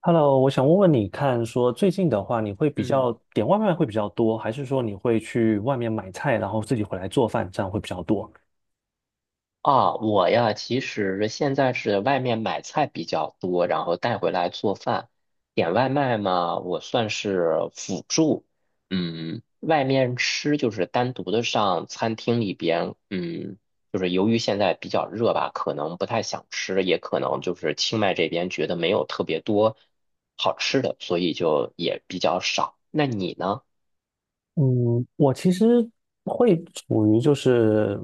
Hello，我想问问你看，说最近的话，你会比嗯较点外卖会比较多，还是说你会去外面买菜，然后自己回来做饭，这样会比较多？啊，我呀，其实现在是外面买菜比较多，然后带回来做饭。点外卖嘛，我算是辅助。嗯，外面吃就是单独的上餐厅里边，就是由于现在比较热吧，可能不太想吃，也可能就是清迈这边觉得没有特别多好吃的，所以就也比较少。那你呢？嗯，我其实会处于就是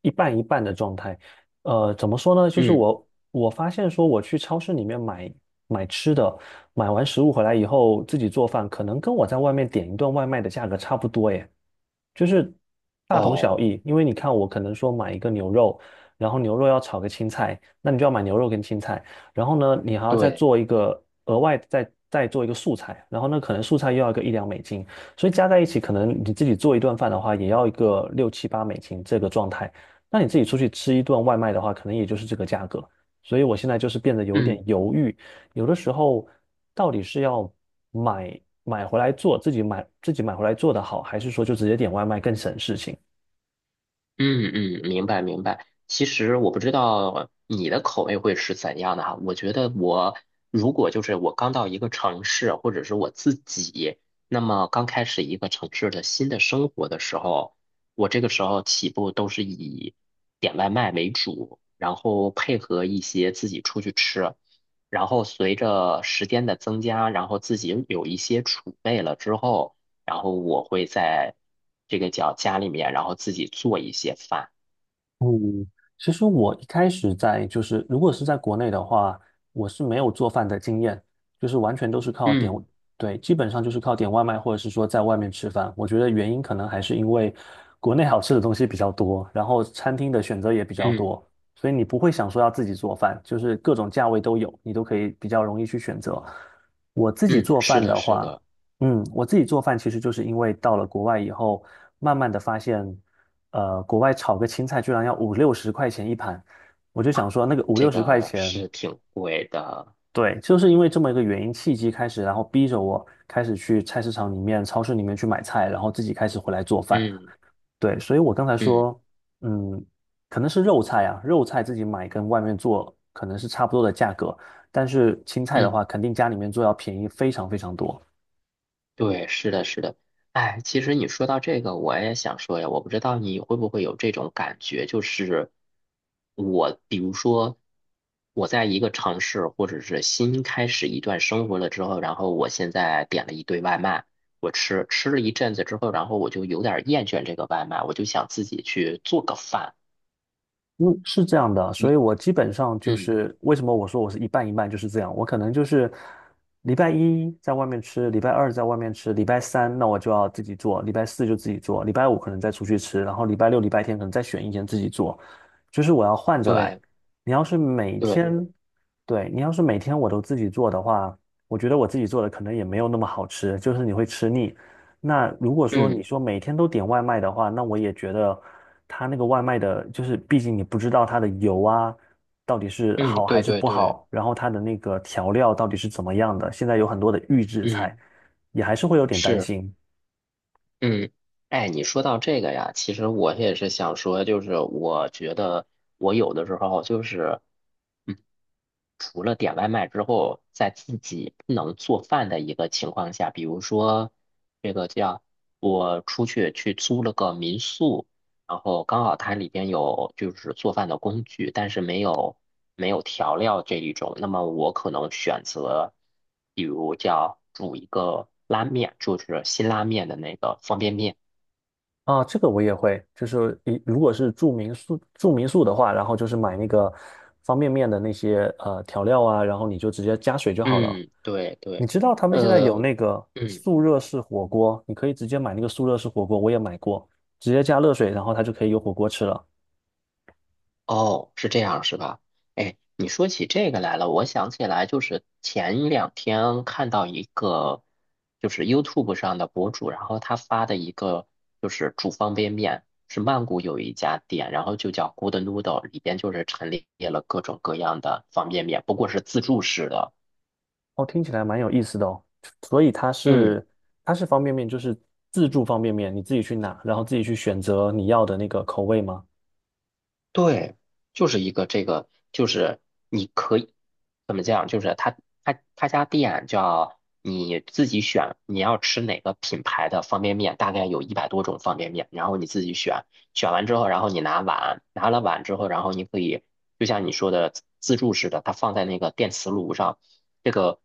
一半一半的状态。呃，怎么说呢？就是嗯，我发现说，我去超市里面买吃的，买完食物回来以后自己做饭，可能跟我在外面点一顿外卖的价格差不多耶，就是大同小哦，异。因为你看，我可能说买一个牛肉，然后牛肉要炒个青菜，那你就要买牛肉跟青菜。然后呢，你还要再对。做一个额外再做一个素菜，然后呢，可能素菜又要个一两美金，所以加在一起，可能你自己做一顿饭的话，也要一个六七八美金这个状态。那你自己出去吃一顿外卖的话，可能也就是这个价格。所以我现在就是变得有点嗯。犹豫，有的时候到底是要买回来做，自己买回来做的好，还是说就直接点外卖更省事情？嗯嗯，明白明白。其实我不知道你的口味会是怎样的哈。我觉得我如果就是我刚到一个城市，或者是我自己，那么刚开始一个城市的新的生活的时候，我这个时候起步都是以点外卖为主，然后配合一些自己出去吃。然后随着时间的增加，然后自己有一些储备了之后。然后我会在这个叫家里面，然后自己做一些饭。嗯，其实我一开始在就是，如果是在国内的话，我是没有做饭的经验，就是完全都是靠点，嗯对，基本上就是靠点外卖或者是说在外面吃饭。我觉得原因可能还是因为国内好吃的东西比较多，然后餐厅的选择也比较嗯多，所以你不会想说要自己做饭，就是各种价位都有，你都可以比较容易去选择。我自己嗯，做是饭的，的是话，的，嗯，我自己做饭其实就是因为到了国外以后，慢慢的发现，国外炒个青菜居然要五六十块钱一盘，我就想说那个五六这十块个钱，是挺贵的。对，就是因为这么一个原因契机开始，然后逼着我开始去菜市场里面、超市里面去买菜，然后自己开始回来做饭。嗯对，所以我刚才嗯说，嗯，可能是肉菜啊，肉菜自己买跟外面做可能是差不多的价格，但是青菜的嗯。话，肯定家里面做要便宜非常非常多。对，是的，是的。哎，其实你说到这个，我也想说呀，我不知道你会不会有这种感觉，就是我，比如说我在一个城市或者是新开始一段生活了之后，然后我现在点了一堆外卖，我吃了一阵子之后，然后我就有点儿厌倦这个外卖，我就想自己去做个饭。嗯，是这样的，所以你，我基本上就嗯，是为什么我说我是一半一半就是这样，我可能就是礼拜一在外面吃，礼拜二在外面吃，礼拜三那我就要自己做，礼拜四就自己做，礼拜五可能再出去吃，然后礼拜六、礼拜天可能再选一天自己做，就是我要换着来。对你要是每对，天，对，你要是每天我都自己做的话，我觉得我自己做的可能也没有那么好吃，就是你会吃腻。那如果说你嗯说每天都点外卖的话，那我也觉得。它那个外卖的，就是毕竟你不知道它的油啊到底是嗯，好还对是对不对，好，然后它的那个调料到底是怎么样的，现在有很多的预制菜，嗯，也还是会有点担是。心嗯，哎，你说到这个呀，其实我也是想说，就是我觉得我有的时候就是，嗯，除了点外卖之后，在自己不能做饭的一个情况下，比如说这个叫我出去租了个民宿，然后刚好它里边有就是做饭的工具，但是没有调料这一种，那么我可能选择，比如叫煮一个拉面，就是辛拉面的那个方便面。啊。这个我也会，就是一如果是住民宿的话，然后就是买那个方便面的那些调料啊，然后你就直接加水就好了。嗯，对你对，知道他们现在有呃，那个嗯，速热式火锅，你可以直接买那个速热式火锅，我也买过，直接加热水，然后它就可以有火锅吃了。哦，是这样是吧？哎，你说起这个来了，我想起来，就是前两天看到一个，就是 YouTube 上的博主，然后他发的一个就是煮方便面，是曼谷有一家店，然后就叫 Good Noodle,里边就是陈列了各种各样的方便面，不过是自助式的。哦，听起来蛮有意思的哦。所以它嗯。是它是方便面，就是自助方便面，你自己去拿，然后自己去选择你要的那个口味吗？对，就是一个这个，就是你可以怎么讲？就是他家店叫你自己选，你要吃哪个品牌的方便面，大概有100多种方便面，然后你自己选，选完之后，然后你拿碗，拿了碗之后，然后你可以就像你说的自助似的，它放在那个电磁炉上，这个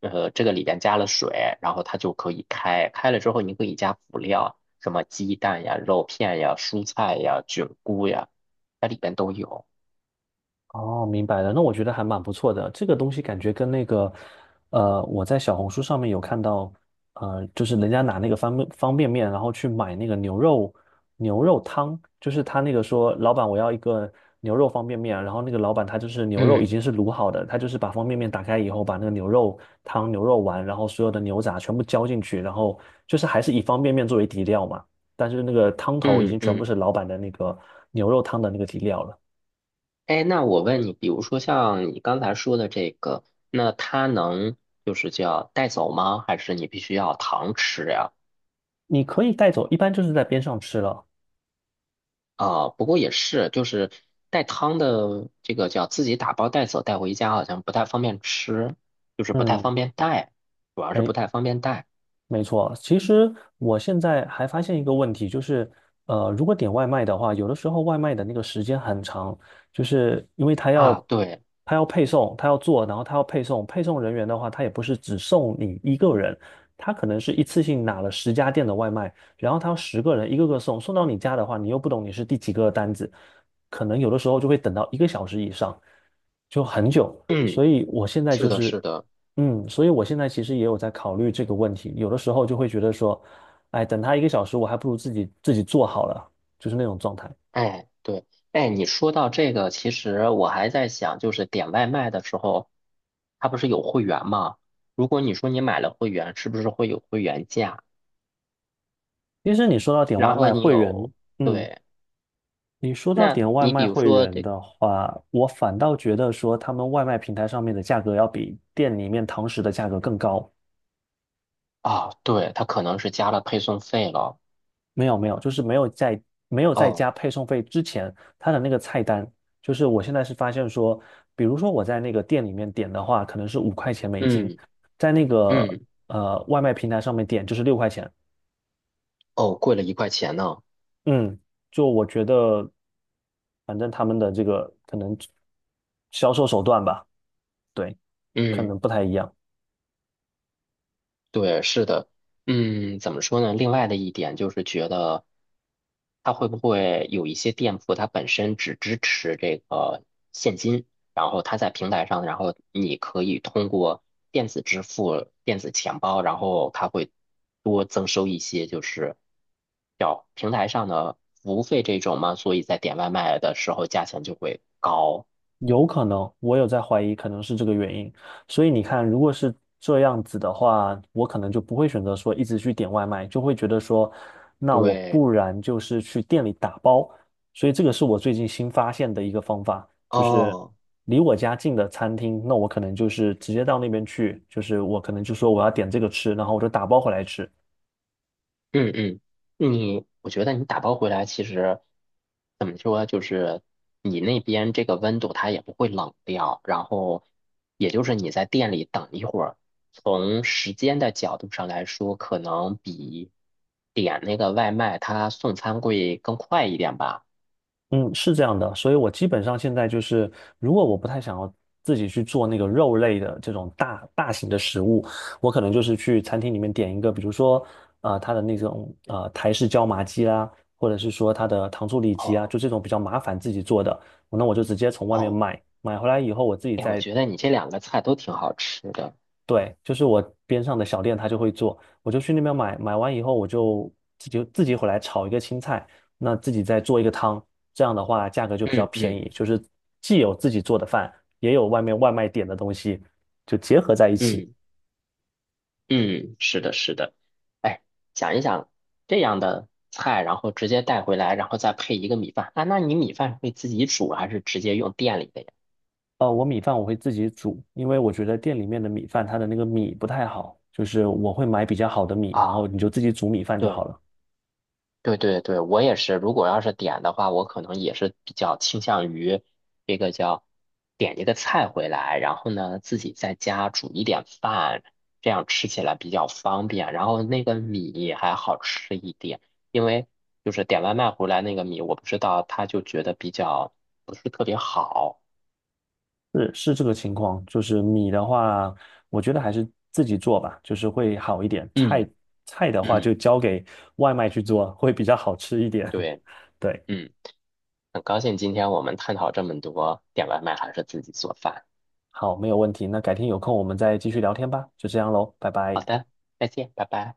这个里边加了水，然后它就可以开了之后你可以加辅料，什么鸡蛋呀、肉片呀、蔬菜呀、菌菇呀。它里边都有。哦，明白了。那我觉得还蛮不错的。这个东西感觉跟那个，呃，我在小红书上面有看到，呃，就是人家拿那个方便面，然后去买那个牛肉汤，就是他那个说，老板我要一个牛肉方便面，然后那个老板他就是牛肉已嗯经是卤好的，他就是把方便面打开以后，把那个牛肉汤、牛肉丸，然后所有的牛杂全部浇进去，然后就是还是以方便面作为底料嘛，但是那个汤头已嗯经全部嗯，是老板的那个牛肉汤的那个底料了。哎，那我问你，比如说像你刚才说的这个，那它能就是叫带走吗？还是你必须要糖吃呀？你可以带走，一般就是在边上吃了。啊，不过也是，就是带汤的这个叫自己打包带走带回家，好像不太方便吃，就是不太嗯，方便带，主要是没不太方便带没错，其实我现在还发现一个问题，就是，呃，如果点外卖的话，有的时候外卖的那个时间很长，就是因为他啊。要对，他要配送，他要做，然后他要配送，配送人员的话，他也不是只送你一个人，他可能是一次性拿了十家店的外卖，然后他要十个人一个个送，送到你家的话，你又不懂你是第几个单子，可能有的时候就会等到一个小时以上，就很久。嗯，所以我现在是就的，是是的。嗯，所以我现在其实也有在考虑这个问题，有的时候就会觉得说，哎，等他一个小时，我还不如自己做好了，就是那种状态。哎，对，哎，你说到这个，其实我还在想，就是点外卖的时候，它不是有会员吗？如果你说你买了会员，是不是会有会员价？其实你说到点外然后卖你会有，员，嗯，对，你说到那点外你比卖如会说员这，的话，我反倒觉得说他们外卖平台上面的价格要比店里面堂食的价格更高，啊，对，它可能是加了配送费了。没有没有，就是没有在哦，加配送费之前，他的那个菜单，就是我现在是发现说，比如说我在那个店里面点的话，可能是五块钱美金，嗯在那个嗯，外卖平台上面点就是六块钱。哦，贵了1块钱呢。嗯，就我觉得，反正他们的这个可能销售手段吧，对，可嗯。能不太一样。对，是的，嗯，怎么说呢？另外的一点就是觉得，它会不会有一些店铺它本身只支持这个现金，然后它在平台上，然后你可以通过电子支付、电子钱包，然后它会多增收一些，就是叫平台上的服务费这种嘛，所以在点外卖的时候价钱就会高。有可能，我有在怀疑，可能是这个原因。所以你看，如果是这样子的话，我可能就不会选择说一直去点外卖，就会觉得说，那我对，不然就是去店里打包。所以这个是我最近新发现的一个方法，就是哦。离我家近的餐厅，那我可能就是直接到那边去，就是我可能就说我要点这个吃，然后我就打包回来吃。嗯嗯，我觉得你打包回来其实怎么说，就是你那边这个温度它也不会冷掉，然后也就是你在店里等一会儿，从时间的角度上来说，可能比点那个外卖它送餐会更快一点吧。嗯，是这样的，所以我基本上现在就是，如果我不太想要自己去做那个肉类的这种大大型的食物，我可能就是去餐厅里面点一个，比如说，呃，它的那种台式椒麻鸡啦，或者是说它的糖醋里脊啊，哦就这种比较麻烦自己做的，那我就直接从外面哦，买，买回来以后我自己哎，我再觉得你这两个菜都挺好吃的。对，就是我边上的小店，他就会做，我就去那边买，买完以后我就自己回来炒一个青菜，那自己再做一个汤，这样的话价格就比较嗯便嗯宜，就是既有自己做的饭，也有外面外卖点的东西，就结合在一起。嗯。嗯，是的，是的。哎，想一想这样的菜，然后直接带回来，然后再配一个米饭啊？那你米饭会自己煮还是直接用店里的呀？哦，我米饭我会自己煮，因为我觉得店里面的米饭它的那个米不太好，就是我会买比较好的米，然后啊，你就自己煮米饭就好对，了。对对对，我也是。如果要是点的话，我可能也是比较倾向于这个叫点一个菜回来，然后呢自己在家煮一点饭，这样吃起来比较方便。然后那个米还好吃一点，因为就是点外卖回来那个米，我不知道他就觉得比较不是特别好。是是这个情况，就是米的话，我觉得还是自己做吧，就是会好一点。菜嗯菜的话嗯，就交给外卖去做，会比较好吃一点。对，对，嗯，很高兴今天我们探讨这么多点外卖还是自己做饭。好，没有问题。那改天有空我们再继续聊天吧，就这样喽，拜好拜。的，再见，拜拜。